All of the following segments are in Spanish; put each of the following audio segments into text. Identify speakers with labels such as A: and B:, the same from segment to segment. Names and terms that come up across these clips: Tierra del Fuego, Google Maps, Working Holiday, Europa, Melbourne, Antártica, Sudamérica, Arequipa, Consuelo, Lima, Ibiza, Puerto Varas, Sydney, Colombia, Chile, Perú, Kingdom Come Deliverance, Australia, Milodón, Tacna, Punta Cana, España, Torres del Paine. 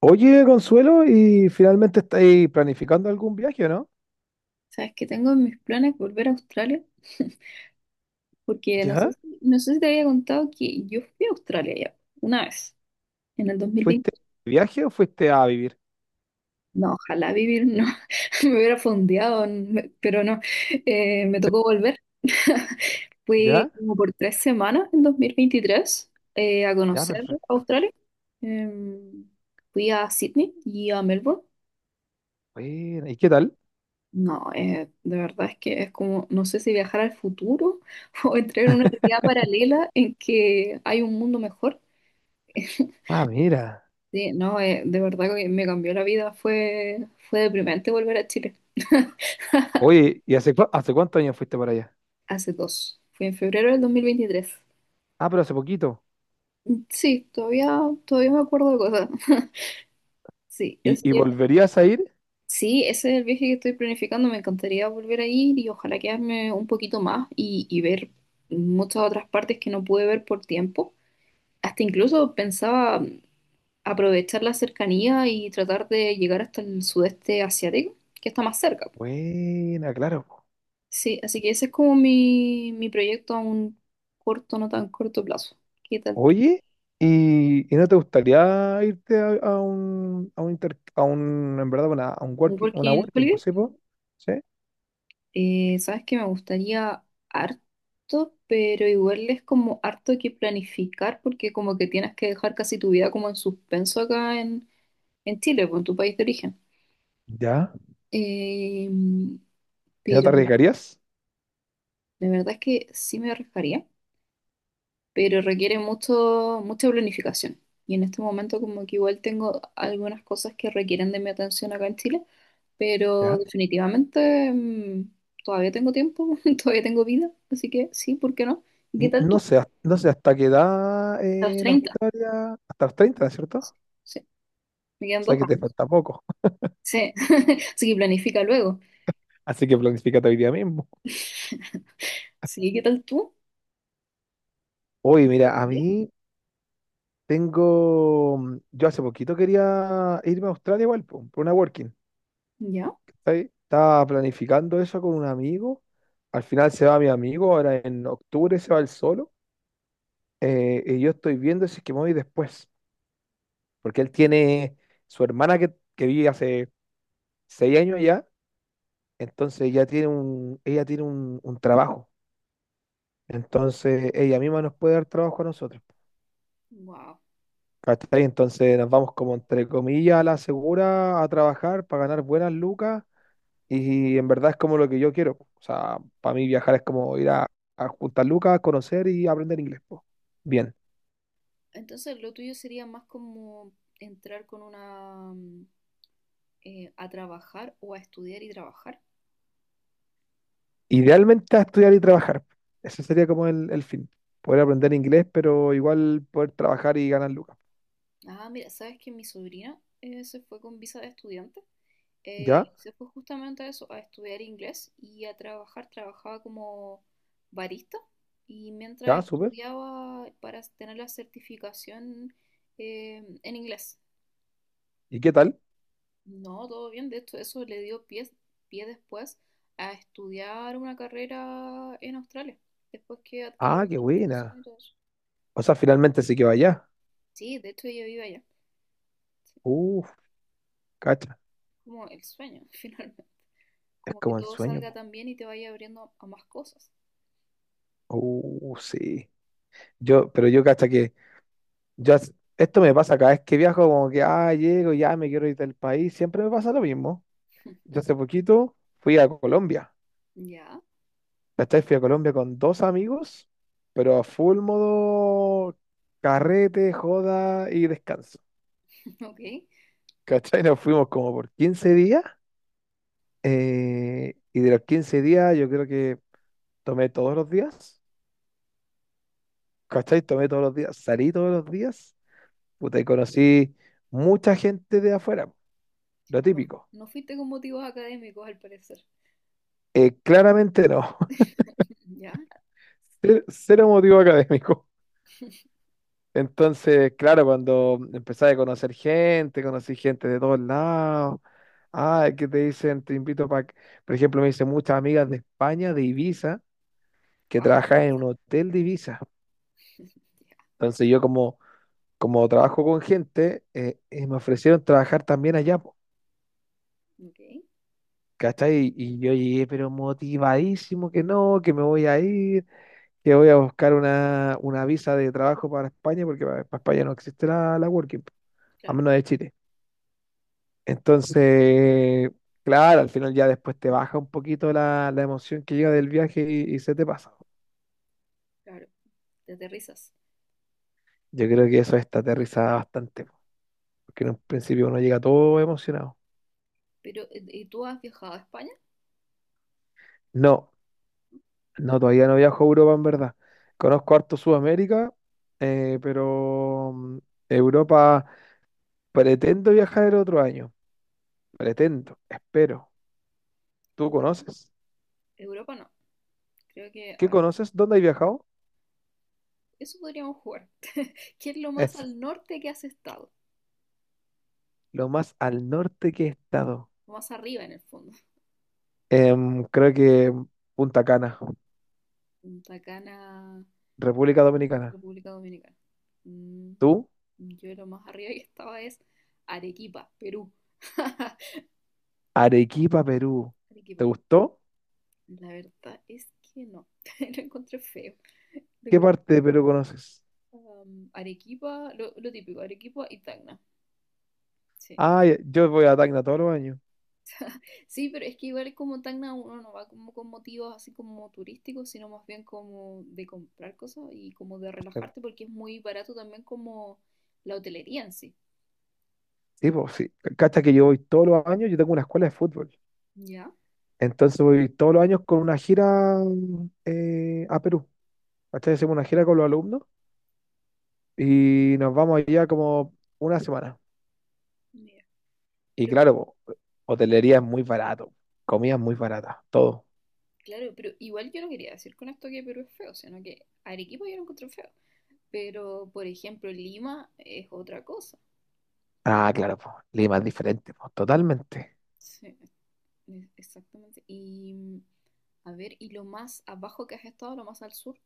A: Oye, Consuelo, ¿y finalmente estáis planificando algún viaje o no?
B: Sabes que tengo en mis planes volver a Australia, porque no sé
A: ¿Ya?
B: si, no sé si te había contado que yo fui a Australia ya una vez, en el dos mil
A: ¿Fuiste
B: veinte.
A: de viaje o fuiste a vivir?
B: No, ojalá vivir, no, me hubiera fondeado, pero no, me tocó volver. Fui
A: ¿Ya?
B: como por tres semanas en 2023, a
A: Ya,
B: conocer
A: perfecto.
B: Australia. Em, Fui a Sydney y a Melbourne.
A: Bueno, ¿y qué tal?
B: No, de verdad es que es como, no sé si viajar al futuro o entrar en una realidad paralela en que hay un mundo mejor.
A: Ah, mira.
B: Sí, no, de verdad que me cambió la vida. Fue deprimente volver a Chile.
A: Oye, ¿y hace, hace cuántos años fuiste para allá?
B: Hace dos. Fue en febrero del dos mil veintitrés.
A: Ah, pero hace poquito.
B: Sí, todavía me acuerdo de cosas. Sí, ese,
A: ¿Y volverías a ir?
B: sí, ese es el viaje que estoy planificando. Me encantaría volver a ir y ojalá quedarme un poquito más y ver muchas otras partes que no pude ver por tiempo. Hasta incluso pensaba aprovechar la cercanía y tratar de llegar hasta el sudeste asiático, que está más cerca.
A: Buena, claro, po.
B: Sí, así que ese es como mi proyecto a un corto, no tan corto plazo. ¿Qué tal tú?
A: Oye, ¿y no te gustaría irte a un, inter- a un, en verdad, a un
B: Un
A: working, una
B: Working
A: working,
B: Holiday,
A: pues sí, po? ¿Sí?
B: sabes que me gustaría harto, pero igual es como harto que planificar porque como que tienes que dejar casi tu vida como en suspenso acá en Chile, pues, en tu país de origen.
A: ¿Ya?
B: Eh,
A: ¿Y no te
B: pero
A: arriesgarías?
B: de verdad es que sí me arriesgaría. Pero requiere mucho, mucha planificación. Y en este momento como que igual tengo algunas cosas que requieren de mi atención acá en Chile, pero definitivamente todavía tengo tiempo, todavía tengo vida, así que sí, ¿por qué no? ¿Y qué tal
A: No
B: tú?
A: sé, no sé hasta qué edad,
B: A los treinta.
A: hasta los treinta, ¿no es cierto?
B: Sí,
A: O
B: sí, me quedan
A: sea
B: dos
A: que te
B: años.
A: falta poco.
B: Sí, así que planifica luego.
A: Así que planifícate hoy día mismo.
B: Sí, ¿qué tal tú?
A: Oye,
B: ¿Te
A: mira, a
B: gustaría?
A: mí tengo. Yo hace poquito quería irme a Australia igual, po, por una working.
B: ¿Ya?
A: ¿Cachai? Estaba planificando eso con un amigo. Al final se va mi amigo, ahora en octubre se va él solo. Y yo estoy viendo si es que me voy después. Porque él tiene su hermana que, vive hace seis años ya. Entonces ya tiene un, ella tiene un trabajo. Entonces, ella misma nos puede dar trabajo a nosotros.
B: Wow.
A: ¿Cachai? Entonces nos vamos como entre comillas a la segura a trabajar para ganar buenas lucas, y en verdad es como lo que yo quiero, po. O sea, para mí viajar es como ir a juntar lucas, conocer y aprender inglés, po. Bien.
B: Entonces lo tuyo sería más como entrar con una... a trabajar o a estudiar y trabajar.
A: Idealmente a estudiar y trabajar. Ese sería como el fin. Poder aprender inglés, pero igual poder trabajar y ganar lucas.
B: Ah, mira, sabes que mi sobrina se fue con visa de estudiante.
A: ¿Ya?
B: Se fue justamente a eso, a estudiar inglés y a trabajar. Trabajaba como barista y mientras
A: ¿Ya? Súper.
B: estudiaba para tener la certificación en inglés.
A: ¿Y qué tal?
B: No, todo bien. De hecho, eso le dio pie, pie después a estudiar una carrera en Australia, después que adquirió
A: Ah,
B: la
A: qué
B: certificación
A: buena.
B: y todo eso.
A: O sea, finalmente sí que vaya.
B: Sí, de hecho ella vive allá. Sí,
A: Uf, cacha.
B: como el sueño, finalmente.
A: Es
B: Como que
A: como el
B: todo
A: sueño.
B: salga tan bien y te vaya abriendo a más cosas.
A: Sí. Yo, pero yo hasta que yo, esto me pasa cada vez que viajo, como que, ah, llego, ya me quiero ir del país, siempre me pasa lo mismo. Yo hace poquito fui a Colombia,
B: Ya,
A: ¿cachai? Fui a Colombia con dos amigos, pero a full modo carrete, joda y descanso.
B: ok.
A: ¿Cachai? Nos fuimos como por 15 días, y de los 15 días yo creo que tomé todos los días, ¿cachai? Tomé todos los días, salí todos los días, puta, y conocí mucha gente de afuera, lo
B: No,
A: típico.
B: no fuiste con motivos académicos al parecer.
A: Claramente no.
B: Ya,
A: Cero, cero motivo académico. Entonces, claro, cuando empecé a conocer gente, conocí gente de todos lados. Ah, que te dicen, te invito para... Por ejemplo, me dicen muchas amigas de España, de Ibiza, que
B: wow, qué
A: trabajan en
B: pizza.
A: un hotel de Ibiza.
B: Ya,
A: Entonces yo como, como trabajo con gente, me ofrecieron trabajar también allá, po,
B: ok,
A: ¿cachai? Y yo llegué, pero motivadísimo que no, que me voy a ir, que voy a buscar una visa de trabajo para España, porque para España no existe la Working, a
B: claro,
A: menos de Chile. Entonces, claro, al final ya después te baja un poquito la emoción que llega del viaje y se te pasa.
B: claro. Te aterrizas.
A: Yo creo que eso está aterrizada bastante, po, porque en un principio uno llega todo emocionado.
B: Pero, ¿y tú has viajado a España?
A: No, no, todavía no viajo a Europa en verdad. Conozco harto Sudamérica, pero mm, Europa pretendo viajar el otro año. Pretendo, espero. ¿Tú
B: Euro-
A: conoces?
B: Europa no. Creo que, a
A: ¿Qué
B: ver,
A: conoces? ¿Dónde has viajado?
B: eso podríamos jugar. ¿Qué es lo más
A: Es
B: al norte que has estado?
A: lo más al norte que he estado.
B: Lo más arriba en el fondo.
A: Em, creo que Punta Cana,
B: Punta Cana,
A: República Dominicana.
B: República Dominicana. Mm,
A: ¿Tú?
B: yo lo más arriba que estaba es Arequipa, Perú.
A: Arequipa, Perú.
B: Arequipa,
A: ¿Te gustó?
B: la verdad es que no, lo encontré feo. Lo
A: ¿Qué
B: encontré,
A: parte de Perú conoces?
B: Arequipa, lo típico, Arequipa y Tacna. Sí.
A: Ah, yo voy a Tacna todos los años.
B: Sí, pero es que igual como Tacna uno no va como con motivos así como turísticos, sino más bien como de comprar cosas y como de
A: Eh,
B: relajarte porque es muy barato también como la hotelería en sí.
A: Sí, pues sí. Cacha que yo voy todos los años, yo tengo una escuela de fútbol.
B: ¿Ya?
A: Entonces voy todos los años con una gira a Perú. ¿Cachai? Hacemos una gira con los alumnos y nos vamos allá como una semana.
B: Mira.
A: Y
B: Pero
A: claro, po, hotelería es muy barato, comida es muy barata, todo.
B: claro, pero igual yo no quería decir con esto que Perú es feo, sino que Arequipa yo lo encontré feo. Pero, por ejemplo, Lima es otra cosa.
A: Ah, claro, po, Lima es diferente, po, totalmente.
B: Sí. Es- Exactamente. Y a ver, ¿y lo más abajo que has estado, lo más al sur?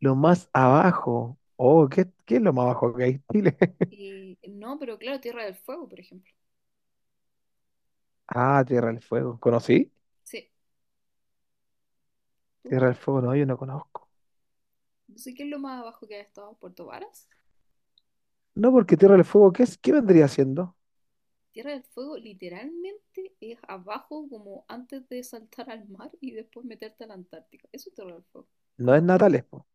A: Lo más abajo, oh, ¿qué es lo más abajo que hay en Chile?
B: No, pero claro, Tierra del Fuego, por ejemplo.
A: Ah, Tierra del Fuego, ¿conocí?
B: Sí, tú.
A: Tierra del Fuego, no, yo no conozco.
B: No sé qué es lo más abajo que has estado, Puerto Varas.
A: No, porque Tierra del Fuego, ¿qué vendría siendo?
B: Tierra del Fuego literalmente es abajo como antes de saltar al mar y después meterte a la Antártica. Eso es Tierra del Fuego.
A: No
B: Como
A: es
B: el ulti-
A: Natales, po.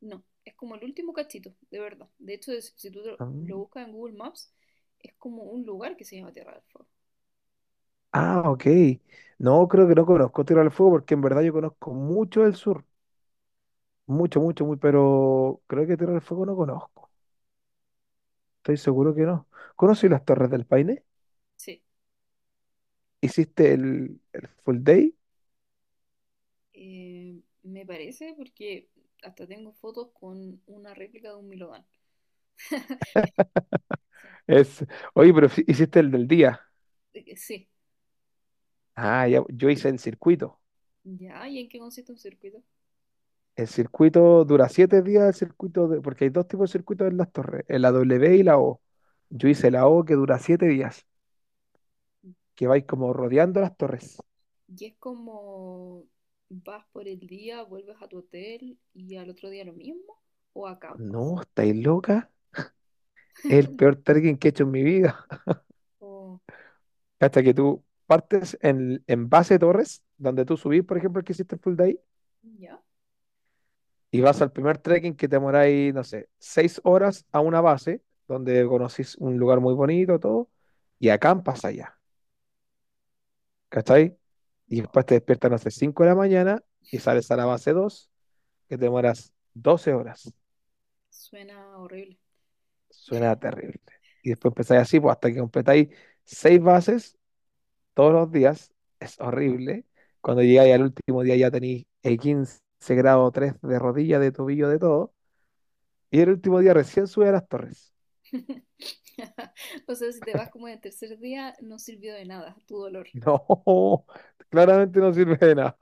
B: no, es como el último cachito, de verdad. De hecho, es- si tú lo
A: Mm.
B: buscas en Google Maps, es como un lugar que se llama Tierra del Fuego.
A: Ah, ok. No, creo que no conozco Tierra del Fuego porque en verdad yo conozco mucho del sur, mucho, mucho, muy, pero creo que Tierra del Fuego no conozco. Estoy seguro que no. ¿Conocí las Torres del Paine?
B: Sí.
A: ¿Hiciste el full day?
B: Me parece porque hasta tengo fotos con una réplica de un Milodón. Sí.
A: Es, oye, pero hiciste el del día.
B: Sí,
A: Ah, ya, yo hice en circuito.
B: ya, ¿y en qué consiste un circuito?
A: El circuito dura siete días, el porque hay dos tipos de circuitos en las torres, en la W y la O. Yo
B: Mm.
A: hice la O que dura siete días, que vais como rodeando las torres.
B: Y es como vas por el día, vuelves a tu hotel y al otro día lo mismo, o acampas.
A: No, estáis loca. Es el peor trekking que he hecho en mi vida.
B: O
A: Hasta que tú partes en base de torres, donde tú subís, por ejemplo, el que hiciste el full day,
B: ya,
A: y vas al primer trekking que te demoráis, no sé, seis horas a una base, donde conocís un lugar muy bonito, todo, y acampas allá, ¿cachai? Y
B: wow,
A: después te despiertas, no sé, 5 de la mañana y sales a la base 2 que te demoras 12 horas.
B: suena horrible.
A: Suena terrible. Y después empezáis así, pues, hasta que completáis seis bases todos los días, es horrible. Cuando llegáis al último día ya tenéis el 15 grado 3 de rodilla, de tobillo, de todo. Y el último día recién sube a las torres.
B: O sea, si te vas como en el tercer día, no sirvió de nada, tu dolor.
A: No, claramente no sirve de nada.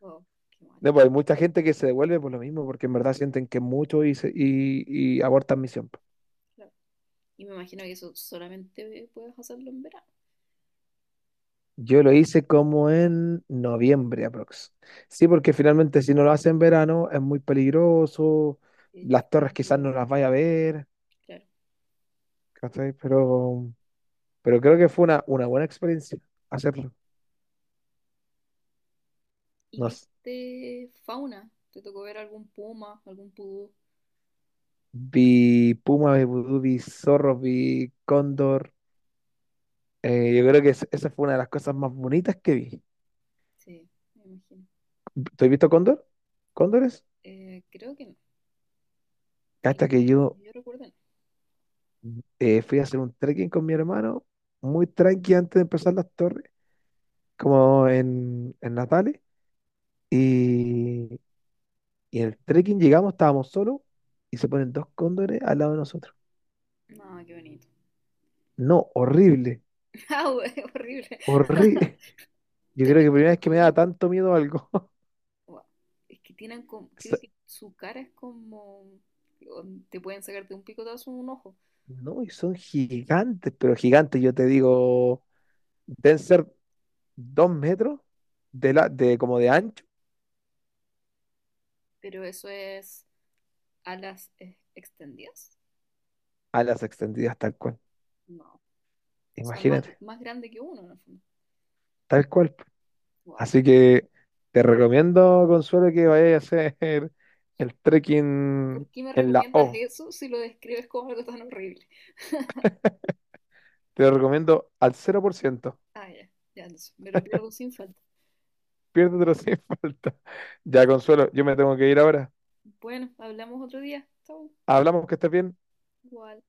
B: Wow, qué mal.
A: No, pues hay mucha gente que se devuelve por lo mismo, porque en verdad sienten que mucho y abortan misión, pues.
B: Claro. Y me imagino que eso solamente puedes hacerlo en verano.
A: Yo lo hice como en noviembre aprox. Sí, porque finalmente si no lo hace en verano es muy peligroso,
B: El
A: las torres quizás no
B: perfil,
A: las vaya a ver,
B: claro.
A: ¿cachai? Pero creo que fue una buena experiencia hacerlo.
B: ¿Y
A: Nos,
B: viste fauna? ¿Te tocó ver algún puma, algún pudú?
A: vi
B: ¿Algo?
A: puma, vi vudú, vi zorro, vi cóndor. Yo creo que esa fue una de las cosas más bonitas que vi.
B: Sí, me imagino.
A: ¿Tú has visto Cóndor? ¿Cóndores?
B: Creo que no, que
A: Hasta
B: yo,
A: que yo
B: yo recuerdo no.
A: fui a hacer un trekking con mi hermano, muy tranqui antes de empezar las torres, como en Natales. Y, y en el trekking llegamos, estábamos solos, y se ponen dos cóndores al lado de nosotros.
B: No, qué bonito.
A: No, horrible,
B: Ah, horrible.
A: horrible. Yo
B: ¿Te
A: creo que
B: viste
A: primera
B: por
A: vez que
B: tu
A: me da
B: vida?
A: tanto miedo algo.
B: Wow. Es que tienen como,
A: So-
B: creo que su cara es como, o te pueden sacar de un picotazo un ojo,
A: No, y son gigantes, pero gigantes, yo te digo, deben ser 2 metros de, la, de como de ancho
B: pero eso es alas extendidas.
A: a las extendidas, tal cual.
B: No, o sea, más,
A: Imagínate,
B: más grande que uno en el
A: tal cual.
B: fondo.
A: Así que te recomiendo, Consuelo, que vayas a hacer el
B: ¿Por
A: trekking
B: qué me
A: en la
B: recomiendas
A: O.
B: eso si lo describes como algo tan horrible?
A: Te lo recomiendo al 0 por ciento.
B: Ah, ya, ya, entonces me lo pierdo sin falta.
A: Piérdetelo sin falta. Ya, Consuelo, yo me tengo que ir ahora.
B: Bueno, hablamos otro día. Chau.
A: Hablamos, que estés bien.
B: Igual.